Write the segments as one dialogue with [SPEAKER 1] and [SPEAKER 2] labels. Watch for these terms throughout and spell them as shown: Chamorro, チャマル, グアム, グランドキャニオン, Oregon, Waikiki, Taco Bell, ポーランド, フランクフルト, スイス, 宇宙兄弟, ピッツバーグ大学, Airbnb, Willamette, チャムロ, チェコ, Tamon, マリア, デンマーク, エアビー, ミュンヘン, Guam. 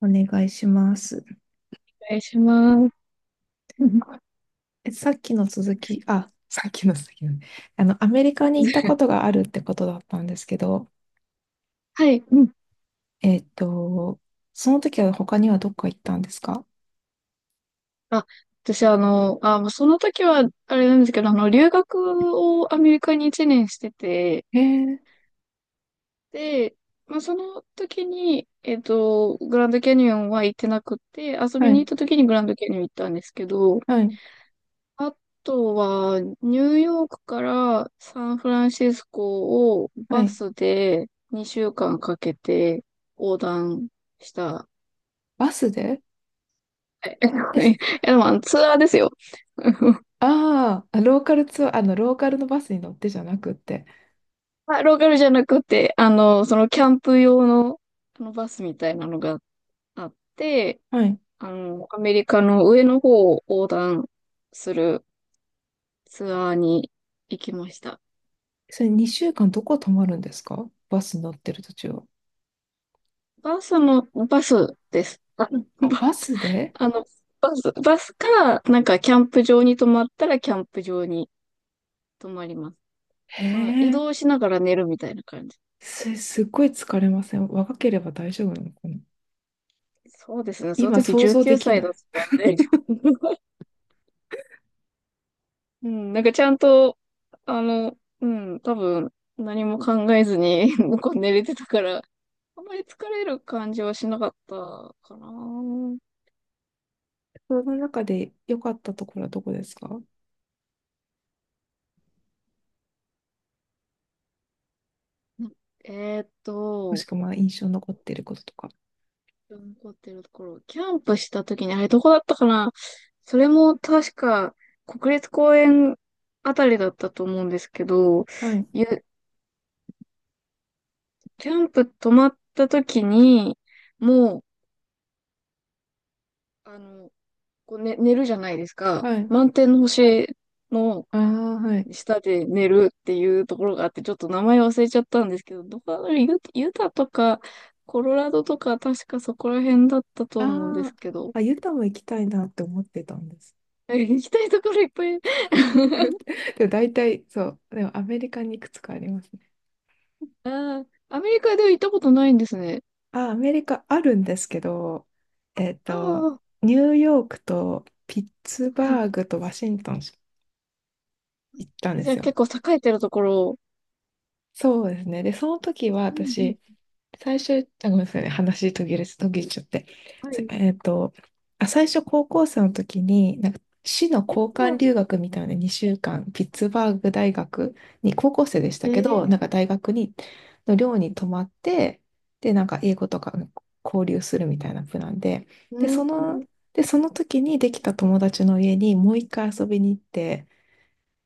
[SPEAKER 1] お願いします。
[SPEAKER 2] 願いします。
[SPEAKER 1] さっきの続き、あ、さっきの続きなんで、あの、アメリカに行ったこと があるってことだったんですけど、
[SPEAKER 2] はい、うん。
[SPEAKER 1] えっと、その時は他にはどっか行ったんですか？
[SPEAKER 2] あ、私、もうその時は、あれなんですけど、留学をアメリカに1年してて、
[SPEAKER 1] えー、
[SPEAKER 2] で、まあ、その時に、グランドキャニオンは行ってなくて、遊
[SPEAKER 1] は
[SPEAKER 2] びに行っ
[SPEAKER 1] い。
[SPEAKER 2] た時にグランドキャニオン行ったんですけど、
[SPEAKER 1] はい。
[SPEAKER 2] あとは、ニューヨークからサンフランシスコを
[SPEAKER 1] は
[SPEAKER 2] バ
[SPEAKER 1] い。
[SPEAKER 2] スで2週間かけて横断した
[SPEAKER 1] バスで？
[SPEAKER 2] え、
[SPEAKER 1] え、
[SPEAKER 2] でもあのツアーですよ。
[SPEAKER 1] ああ、ー、ローカルツアー、ローカルのバスに乗ってじゃなくって。
[SPEAKER 2] まあローカルじゃなくて、そのキャンプ用の、あのバスみたいなのがあって、
[SPEAKER 1] はい。
[SPEAKER 2] アメリカの上の方を横断するツアーに行きました。
[SPEAKER 1] それ、2週間どこ泊まるんですか？バスに乗ってる途中。
[SPEAKER 2] バスです。あ、
[SPEAKER 1] あ、
[SPEAKER 2] ば
[SPEAKER 1] バスで？
[SPEAKER 2] あの、バス、バスから、なんかキャンプ場に泊まったらキャンプ場に泊まります。
[SPEAKER 1] へ
[SPEAKER 2] まあ、移
[SPEAKER 1] え、
[SPEAKER 2] 動しながら寝るみたいな感じ。
[SPEAKER 1] すっごい疲れません？若ければ大丈夫なのかな。
[SPEAKER 2] そうですね。そ
[SPEAKER 1] 今
[SPEAKER 2] の時
[SPEAKER 1] 想像
[SPEAKER 2] 19
[SPEAKER 1] できな
[SPEAKER 2] 歳だっ
[SPEAKER 1] い。
[SPEAKER 2] たんで。うん、なんかちゃんと、うん、多分何も考えずに なんか 寝れてたから、あんまり疲れる感じはしなかったかな。
[SPEAKER 1] その中で良かったところはどこですか？も
[SPEAKER 2] なえーっ
[SPEAKER 1] し
[SPEAKER 2] と、
[SPEAKER 1] くは、まあ印象に残っていることとか。
[SPEAKER 2] 残ってるところ、キャンプした時に、あれどこだったかな。それも確か国立公園あたりだったと思うんですけど、
[SPEAKER 1] はい。
[SPEAKER 2] ゆキャンプ泊まった時に、もう、あの、こう、ね、寝るじゃないですか。
[SPEAKER 1] はい。
[SPEAKER 2] 満天の星の、
[SPEAKER 1] ああ、はい。
[SPEAKER 2] 下で寝るっていうところがあって、ちょっと名前忘れちゃったんですけど、どこだろうユタとか、コロラドとか、確かそこら辺だったと
[SPEAKER 1] あ
[SPEAKER 2] 思うんです
[SPEAKER 1] あ、
[SPEAKER 2] けど。
[SPEAKER 1] あ、ユタも行きたいなって思ってたんです。
[SPEAKER 2] 行きたいところいっぱい。
[SPEAKER 1] でも大体、そう。でもアメリカにいくつかありますね。
[SPEAKER 2] あアメリカでは行ったことないんですね。
[SPEAKER 1] あ、アメリカあるんですけど、えっ
[SPEAKER 2] あ
[SPEAKER 1] と、
[SPEAKER 2] あ、
[SPEAKER 1] ニューヨークとピッツ
[SPEAKER 2] は
[SPEAKER 1] バー
[SPEAKER 2] い。
[SPEAKER 1] グとワシントン行ったんで
[SPEAKER 2] じゃ
[SPEAKER 1] す
[SPEAKER 2] あ
[SPEAKER 1] よ。
[SPEAKER 2] 結構栄えてるところを。
[SPEAKER 1] そうですね。で、その時は
[SPEAKER 2] うん
[SPEAKER 1] 私、最初、あ、ごめんなさいね。話途切れ、途切れちゃって。
[SPEAKER 2] うん。は
[SPEAKER 1] つ
[SPEAKER 2] い。
[SPEAKER 1] えっと、あ、最初高校生の時に、なんか市の
[SPEAKER 2] お
[SPEAKER 1] 交換
[SPEAKER 2] ー。
[SPEAKER 1] 留学みたいな2週間、ピッツバーグ大学に、高校生でし
[SPEAKER 2] え
[SPEAKER 1] たけど、な
[SPEAKER 2] ー。
[SPEAKER 1] んか大学に、の寮に泊まって、で、なんか英語とか交流するみたいなプランで、
[SPEAKER 2] う
[SPEAKER 1] で、そ
[SPEAKER 2] ん。
[SPEAKER 1] の、で、その時にできた友達の家にもう一回遊びに行って、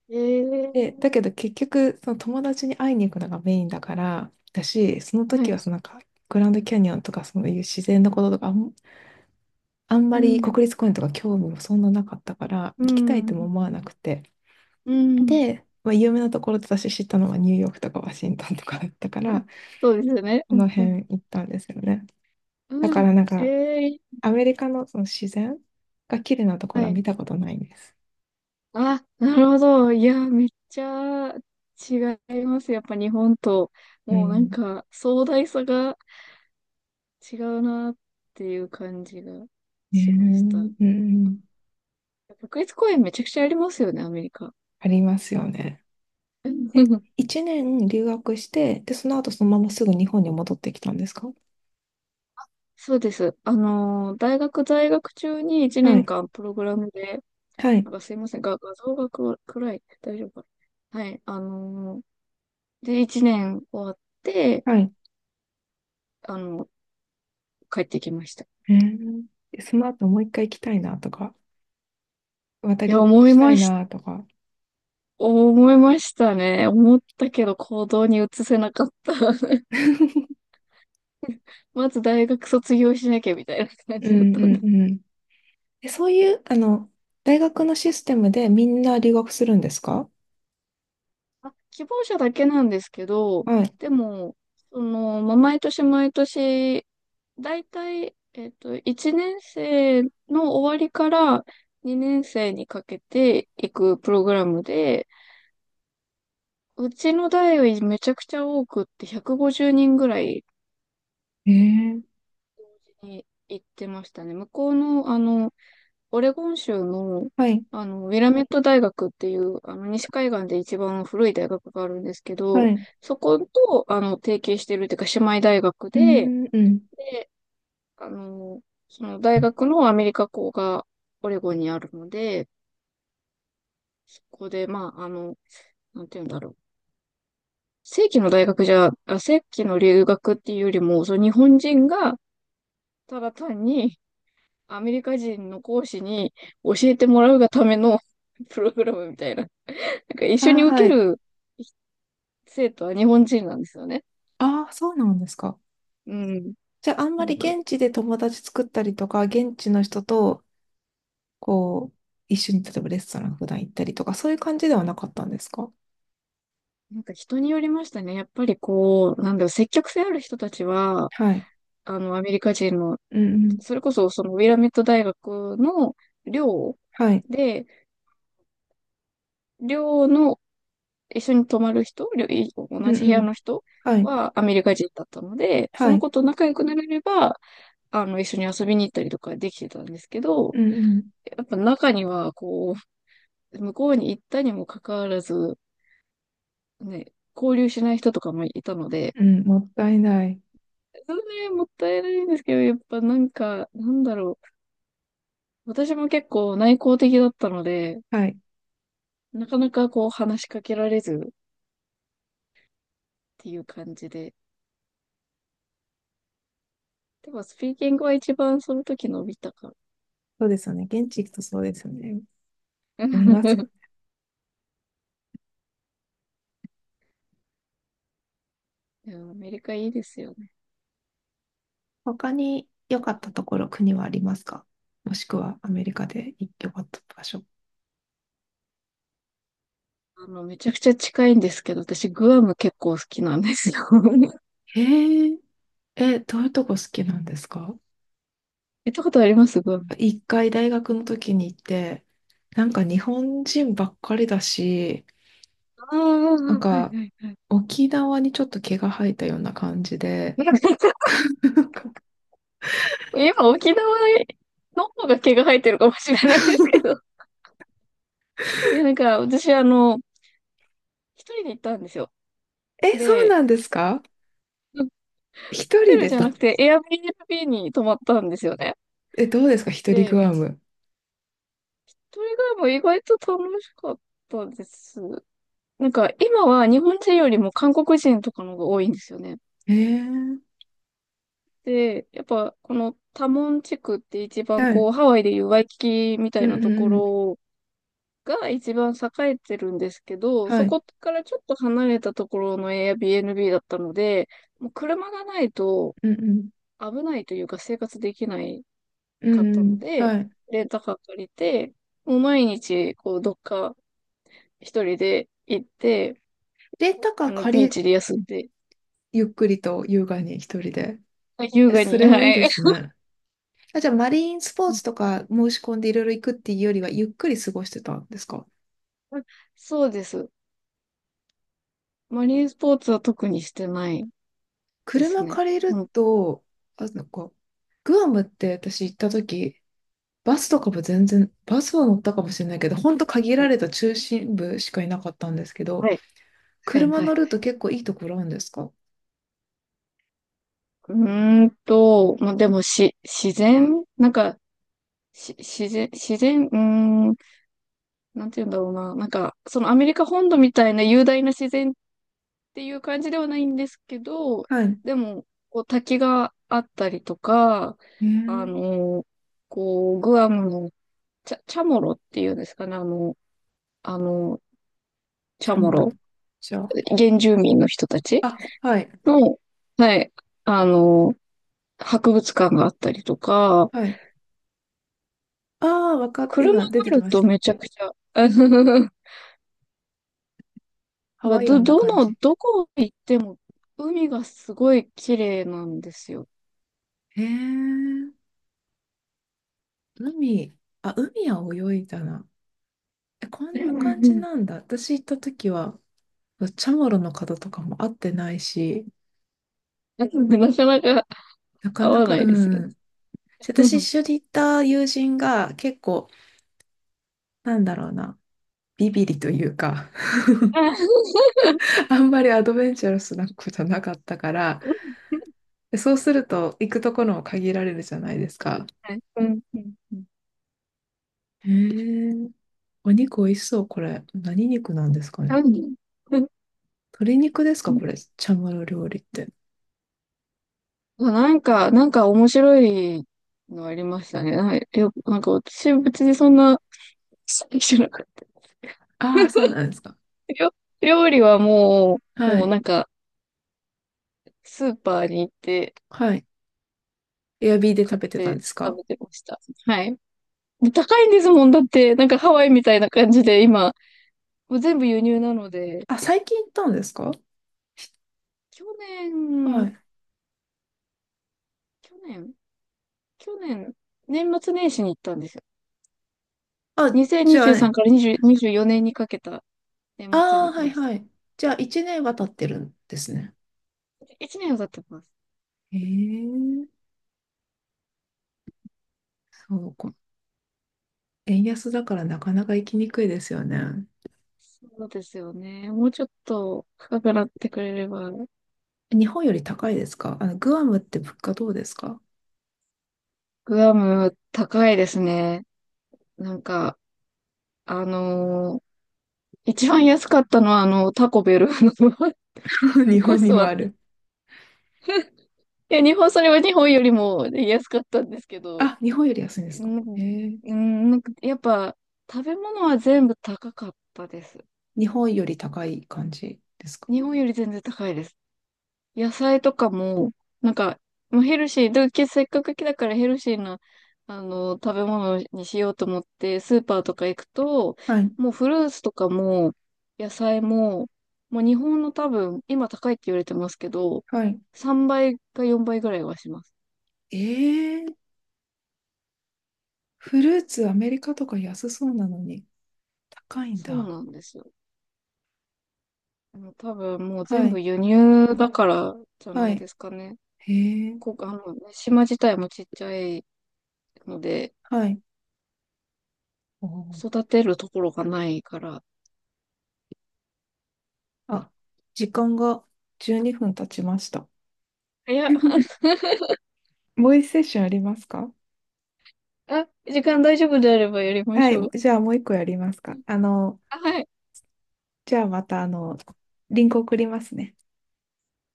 [SPEAKER 2] えー。
[SPEAKER 1] で、だけど結局、その友達に会いに行くのがメインだから、だし、その
[SPEAKER 2] は
[SPEAKER 1] 時
[SPEAKER 2] い。
[SPEAKER 1] はそのなんか、グランドキャニオンとかそういう自然のこととかあん
[SPEAKER 2] う
[SPEAKER 1] まり
[SPEAKER 2] ん。
[SPEAKER 1] 国立公園とか興味もそんななかったから、
[SPEAKER 2] う
[SPEAKER 1] 行きたい
[SPEAKER 2] ん。う
[SPEAKER 1] とも思
[SPEAKER 2] ん。
[SPEAKER 1] わなくて。
[SPEAKER 2] うん。
[SPEAKER 1] で、まあ、有名なところで私知ったのはニューヨークとかワシントンとかだったか
[SPEAKER 2] あ、
[SPEAKER 1] ら、
[SPEAKER 2] そうですよね。
[SPEAKER 1] こ
[SPEAKER 2] うん。
[SPEAKER 1] の
[SPEAKER 2] うん。
[SPEAKER 1] 辺行ったんですよね。だか
[SPEAKER 2] う
[SPEAKER 1] らなん
[SPEAKER 2] ん。
[SPEAKER 1] か、
[SPEAKER 2] ええ。
[SPEAKER 1] アメリカのその自然が綺麗なとこ
[SPEAKER 2] は
[SPEAKER 1] ろは
[SPEAKER 2] い。
[SPEAKER 1] 見たことないんです。
[SPEAKER 2] あ、なるほど。いや、めっちゃ違います。やっぱ日本と、
[SPEAKER 1] う
[SPEAKER 2] もうなん
[SPEAKER 1] ん。
[SPEAKER 2] か壮大さが違うなっていう感じが
[SPEAKER 1] ねえ、
[SPEAKER 2] し
[SPEAKER 1] う
[SPEAKER 2] ました。
[SPEAKER 1] んうん。
[SPEAKER 2] 国立公園めちゃくちゃありますよね、アメリカ。
[SPEAKER 1] ありますよね。え、一年留学して、で、その後そのまますぐ日本に戻ってきたんですか？
[SPEAKER 2] そうです。大学在学中に1
[SPEAKER 1] は
[SPEAKER 2] 年
[SPEAKER 1] い。
[SPEAKER 2] 間プログラムで、
[SPEAKER 1] はい。
[SPEAKER 2] なんかすいません、画像が暗い。大丈夫かな。はい。で、1年終わって、
[SPEAKER 1] はい。
[SPEAKER 2] あの、帰ってきました。
[SPEAKER 1] へえ。でその後もう一回行きたいなとか、また
[SPEAKER 2] い
[SPEAKER 1] 留
[SPEAKER 2] や、
[SPEAKER 1] 学
[SPEAKER 2] 思い
[SPEAKER 1] した
[SPEAKER 2] ま
[SPEAKER 1] い
[SPEAKER 2] した。
[SPEAKER 1] なとか。
[SPEAKER 2] 思いましたね。思ったけど行動に移せなかった。
[SPEAKER 1] う
[SPEAKER 2] まず大学卒業しなきゃみたいな感
[SPEAKER 1] ん
[SPEAKER 2] じだったん
[SPEAKER 1] う
[SPEAKER 2] で。
[SPEAKER 1] んうん。え、そういう、あの、大学のシステムでみんな留学するんですか？
[SPEAKER 2] あ、希望者だけなんですけど、
[SPEAKER 1] は
[SPEAKER 2] でも、まあ、毎年毎年、だいたい、1年生の終わりから2年生にかけていくプログラムで、うちの代よりめちゃくちゃ多くって150人ぐらい
[SPEAKER 1] い。へえ。
[SPEAKER 2] 同時に行ってましたね。向こうの、オレゴン州の、
[SPEAKER 1] はい。
[SPEAKER 2] ウィラメット大学っていう、西海岸で一番古い大学があるんですけ
[SPEAKER 1] は
[SPEAKER 2] ど、
[SPEAKER 1] い。
[SPEAKER 2] そこと、提携してるっていうか、姉妹大学
[SPEAKER 1] う
[SPEAKER 2] で、
[SPEAKER 1] ん、うん。
[SPEAKER 2] で、あの、その大学のアメリカ校がオレゴンにあるので、そこで、まあ、なんて言うんだろう。正規の留学っていうよりも、その日本人が、ただ単にアメリカ人の講師に教えてもらうがための プログラムみたいな。なんか一
[SPEAKER 1] あ
[SPEAKER 2] 緒
[SPEAKER 1] あ、
[SPEAKER 2] に受
[SPEAKER 1] は
[SPEAKER 2] け
[SPEAKER 1] い。
[SPEAKER 2] る生徒は日本人なんですよね。
[SPEAKER 1] ああ、そうなんですか。
[SPEAKER 2] うん。
[SPEAKER 1] じゃあ、あんま
[SPEAKER 2] な
[SPEAKER 1] り
[SPEAKER 2] んか、
[SPEAKER 1] 現地で友達作ったりとか、現地の人とこう、一緒に例えばレストラン普段行ったりとか、そういう感じではなかったんですか？
[SPEAKER 2] なんか人によりましたね。やっぱりこう、なんだろう、積極性ある人たちは、
[SPEAKER 1] はい。
[SPEAKER 2] アメリカ人の、
[SPEAKER 1] うんうん。
[SPEAKER 2] それこそそのウィラメット大学の寮
[SPEAKER 1] はい。
[SPEAKER 2] で、寮の一緒に泊まる人、寮い
[SPEAKER 1] う
[SPEAKER 2] 同
[SPEAKER 1] ん
[SPEAKER 2] じ部屋
[SPEAKER 1] うん。
[SPEAKER 2] の人
[SPEAKER 1] はい。
[SPEAKER 2] はアメリカ人だったので、そ
[SPEAKER 1] は
[SPEAKER 2] の
[SPEAKER 1] い。
[SPEAKER 2] 子と仲良くなれれば、一緒に遊びに行ったりとかできてたんですけ
[SPEAKER 1] う
[SPEAKER 2] ど、
[SPEAKER 1] んうん。
[SPEAKER 2] やっぱ中には、こう、向こうに行ったにもかかわらず、ね、交流しない人とかもいたので、
[SPEAKER 1] うん、もったいない。
[SPEAKER 2] それね、もったいないんですけど、やっぱなんか、なんだろう。私も結構内向的だったので、
[SPEAKER 1] はい。
[SPEAKER 2] なかなかこう話しかけられずっていう感じで。でもスピーキングは一番その時伸びたから。
[SPEAKER 1] そうですよね。現地行くとそうですよね。飲みますよ。
[SPEAKER 2] いやアメリカいいですよね。
[SPEAKER 1] 他に良かったところ、国はありますか？もしくはアメリカで良かった場所。
[SPEAKER 2] めちゃくちゃ近いんですけど、私グアム結構好きなんですよ。
[SPEAKER 1] へえ、え、どういうとこ好きなんですか？
[SPEAKER 2] 行ったことありますグアム？
[SPEAKER 1] 一回大学の時に行って、なんか日本人ばっかりだし、
[SPEAKER 2] ああ、
[SPEAKER 1] なん
[SPEAKER 2] はいは
[SPEAKER 1] か、
[SPEAKER 2] いはい。
[SPEAKER 1] 沖縄にちょっと毛が生えたような感じで、なんか、
[SPEAKER 2] 今沖縄の方が毛が生えてるかもしれないですけど。いや、なんか、私、一人で行ったんですよ。
[SPEAKER 1] え、そう
[SPEAKER 2] で、
[SPEAKER 1] なんですか？
[SPEAKER 2] ホ
[SPEAKER 1] 一
[SPEAKER 2] テ
[SPEAKER 1] 人
[SPEAKER 2] ル
[SPEAKER 1] で
[SPEAKER 2] じ
[SPEAKER 1] す
[SPEAKER 2] ゃ
[SPEAKER 1] か？
[SPEAKER 2] なくて、Airbnb に泊まったんですよね。
[SPEAKER 1] え、どうですか、一人
[SPEAKER 2] で、
[SPEAKER 1] グアム。
[SPEAKER 2] それがもう意外と楽しかったです。なんか、今は日本人よりも韓国人とかの方が多いんですよね。
[SPEAKER 1] えー、
[SPEAKER 2] で、やっぱ、このタモン地区って一番
[SPEAKER 1] はい。
[SPEAKER 2] こう、ハワイでいうワイキキみた
[SPEAKER 1] う
[SPEAKER 2] い
[SPEAKER 1] ん
[SPEAKER 2] な
[SPEAKER 1] う
[SPEAKER 2] とこ
[SPEAKER 1] んうん。
[SPEAKER 2] ろが一番栄えてるんですけど、
[SPEAKER 1] は
[SPEAKER 2] そ
[SPEAKER 1] い。
[SPEAKER 2] こからちょっと離れたところの Airbnb だったので、もう車がないと、
[SPEAKER 1] うんうん。
[SPEAKER 2] 危ないというか生活できない
[SPEAKER 1] う
[SPEAKER 2] か
[SPEAKER 1] ん
[SPEAKER 2] った
[SPEAKER 1] う
[SPEAKER 2] の
[SPEAKER 1] ん。
[SPEAKER 2] で、
[SPEAKER 1] はい。
[SPEAKER 2] レンタカー借りて、もう毎日、こう、どっか一人で行って、
[SPEAKER 1] レンタカー
[SPEAKER 2] ビ
[SPEAKER 1] 借
[SPEAKER 2] ー
[SPEAKER 1] り、
[SPEAKER 2] チで休んで、
[SPEAKER 1] ゆっくりと優雅に一人で。
[SPEAKER 2] あ、優
[SPEAKER 1] え、
[SPEAKER 2] 雅
[SPEAKER 1] そ
[SPEAKER 2] に、
[SPEAKER 1] れ
[SPEAKER 2] は
[SPEAKER 1] もいいで
[SPEAKER 2] い。
[SPEAKER 1] すね。あ、じゃあ、マリンスポーツと か申し込んでいろいろ行くっていうよりは、ゆっくり過ごしてたんですか？
[SPEAKER 2] そうです。マリンスポーツは特にしてないです
[SPEAKER 1] 車
[SPEAKER 2] ね。
[SPEAKER 1] 借りる
[SPEAKER 2] うん。
[SPEAKER 1] と、あ、なんか、グアムって私行った時、バスとかも全然、バスは乗ったかもしれないけど、ほんと限
[SPEAKER 2] は
[SPEAKER 1] ら
[SPEAKER 2] い。
[SPEAKER 1] れた中心部しかいなかったんですけど、
[SPEAKER 2] はい。はい。
[SPEAKER 1] 車
[SPEAKER 2] は
[SPEAKER 1] 乗
[SPEAKER 2] い。
[SPEAKER 1] ると結構いいところあるんですか？
[SPEAKER 2] うまあ、でも、自然なんか、し、自然、自然、うーん、なんて言うんだろうな。なんか、そのアメリカ本土みたいな雄大な自然ていう感じではないんですけど、
[SPEAKER 1] はい。
[SPEAKER 2] でも、こう滝があったりとか、
[SPEAKER 1] え
[SPEAKER 2] あ
[SPEAKER 1] ー、
[SPEAKER 2] の、こう、グアムのチャモロっていうんですかね、あの、チ
[SPEAKER 1] チ
[SPEAKER 2] ャ
[SPEAKER 1] ャ
[SPEAKER 2] モ
[SPEAKER 1] マル。
[SPEAKER 2] ロ、
[SPEAKER 1] じゃあ、
[SPEAKER 2] 原住民の人たち
[SPEAKER 1] あ、はい、
[SPEAKER 2] の、はい、あの、博物館があったりとか、
[SPEAKER 1] はい。ああ、わかった。
[SPEAKER 2] 車が
[SPEAKER 1] 今出
[SPEAKER 2] あ
[SPEAKER 1] てき
[SPEAKER 2] る
[SPEAKER 1] まし
[SPEAKER 2] と
[SPEAKER 1] た。
[SPEAKER 2] めちゃくちゃ、
[SPEAKER 1] ハワイアンな感じ。
[SPEAKER 2] どこ行っても海がすごい綺麗なんですよ。
[SPEAKER 1] へえ、海、あ、海は泳いだな。え、こんな感じ なんだ。私行った時は、チャマロの方とかも会ってないし、
[SPEAKER 2] なかなか
[SPEAKER 1] なか
[SPEAKER 2] 合
[SPEAKER 1] な
[SPEAKER 2] わ
[SPEAKER 1] か、
[SPEAKER 2] な
[SPEAKER 1] う
[SPEAKER 2] いですよね。
[SPEAKER 1] ん。
[SPEAKER 2] う
[SPEAKER 1] 私一
[SPEAKER 2] ん。
[SPEAKER 1] 緒に行った友人が結構、なんだろうな、ビビリというか、
[SPEAKER 2] は
[SPEAKER 1] あんまりアドベンチャラスな子じゃなかったから、でそうすると行くところも限られるじゃないですか。
[SPEAKER 2] い。うん。うんうん。
[SPEAKER 1] へえ、お肉美味しそう、これ。何肉なんですかね。
[SPEAKER 2] 何。うん
[SPEAKER 1] 鶏肉です
[SPEAKER 2] う
[SPEAKER 1] か、
[SPEAKER 2] ん。
[SPEAKER 1] これ。チャムロ料理って。
[SPEAKER 2] あ、なんか、面白いのありましたね。はいよ、なんか私別にそんな、じゃなかった。
[SPEAKER 1] ああ、そうなんですか。
[SPEAKER 2] 料料理は
[SPEAKER 1] は
[SPEAKER 2] もう
[SPEAKER 1] い。
[SPEAKER 2] なんか、スーパーに行って、
[SPEAKER 1] はい。エアビーで食
[SPEAKER 2] 買っ
[SPEAKER 1] べてたんで
[SPEAKER 2] て
[SPEAKER 1] す
[SPEAKER 2] 食
[SPEAKER 1] か？
[SPEAKER 2] べてました。はい。で高いんですもん。だって、なんかハワイみたいな感じで、今、もう全部輸入なので、
[SPEAKER 1] あ、最近行ったんですか？
[SPEAKER 2] 去
[SPEAKER 1] は
[SPEAKER 2] 年、
[SPEAKER 1] い。
[SPEAKER 2] 去年、去年、年末年始に行ったんですよ。
[SPEAKER 1] あ、じゃあ
[SPEAKER 2] 2023
[SPEAKER 1] ね。
[SPEAKER 2] から2024年にじゅうよねんにかけた
[SPEAKER 1] あ
[SPEAKER 2] 年末に
[SPEAKER 1] あ、
[SPEAKER 2] 行き
[SPEAKER 1] はい
[SPEAKER 2] ました。
[SPEAKER 1] はい。じゃあ、1年は経ってるんですね。
[SPEAKER 2] 1年は経ってます。
[SPEAKER 1] へえ、そうか。円安だからなかなか行きにくいですよね。
[SPEAKER 2] そうですよね。もうちょっと高くなってくれれば、
[SPEAKER 1] 日本より高いですか、あの、グアムって物価どうですか？
[SPEAKER 2] グアム高いですね。なんか、あのー一番安かったのはタコベルの
[SPEAKER 1] 日
[SPEAKER 2] コ
[SPEAKER 1] 本
[SPEAKER 2] ス
[SPEAKER 1] に
[SPEAKER 2] ト
[SPEAKER 1] もあ
[SPEAKER 2] は、
[SPEAKER 1] る。
[SPEAKER 2] いや、日本、それは日本よりも安かったんですけど、
[SPEAKER 1] あ、日本より安いんです
[SPEAKER 2] う
[SPEAKER 1] か？え
[SPEAKER 2] ん
[SPEAKER 1] ー、
[SPEAKER 2] うん。なんかやっぱ、食べ物は全部高かったです。
[SPEAKER 1] 日本より高い感じですか？
[SPEAKER 2] 日本より全然高いです。野菜とかも、なんか、もうヘルシー、で、せっかくだからヘルシーな、食べ物にしようと思って、スーパーとか行くと、
[SPEAKER 1] はい、
[SPEAKER 2] もうフルーツとかも、野菜も、もう日本の多分、今高いって言われてますけど、
[SPEAKER 1] はい。
[SPEAKER 2] 3倍か4倍ぐらいはします。
[SPEAKER 1] えー、フルーツアメリカとか安そうなのに高いん
[SPEAKER 2] そう
[SPEAKER 1] だ。
[SPEAKER 2] なんですよ。もう多分もう
[SPEAKER 1] は
[SPEAKER 2] 全
[SPEAKER 1] い、
[SPEAKER 2] 部輸入だからじゃ
[SPEAKER 1] は
[SPEAKER 2] ない
[SPEAKER 1] い。
[SPEAKER 2] ですかね。
[SPEAKER 1] えー、
[SPEAKER 2] こ、あの、島自体もちっちゃいので、
[SPEAKER 1] はい。おー、
[SPEAKER 2] 育てるところがないから。
[SPEAKER 1] あ、時間が12分経ちました。
[SPEAKER 2] いや、
[SPEAKER 1] もう一セッションありますか？
[SPEAKER 2] あ、時間大丈夫であればやりま
[SPEAKER 1] は
[SPEAKER 2] しょ
[SPEAKER 1] い、
[SPEAKER 2] う。
[SPEAKER 1] じゃあもう一個やりますか。
[SPEAKER 2] あ、はい。
[SPEAKER 1] じゃあまた、リンク送りますね。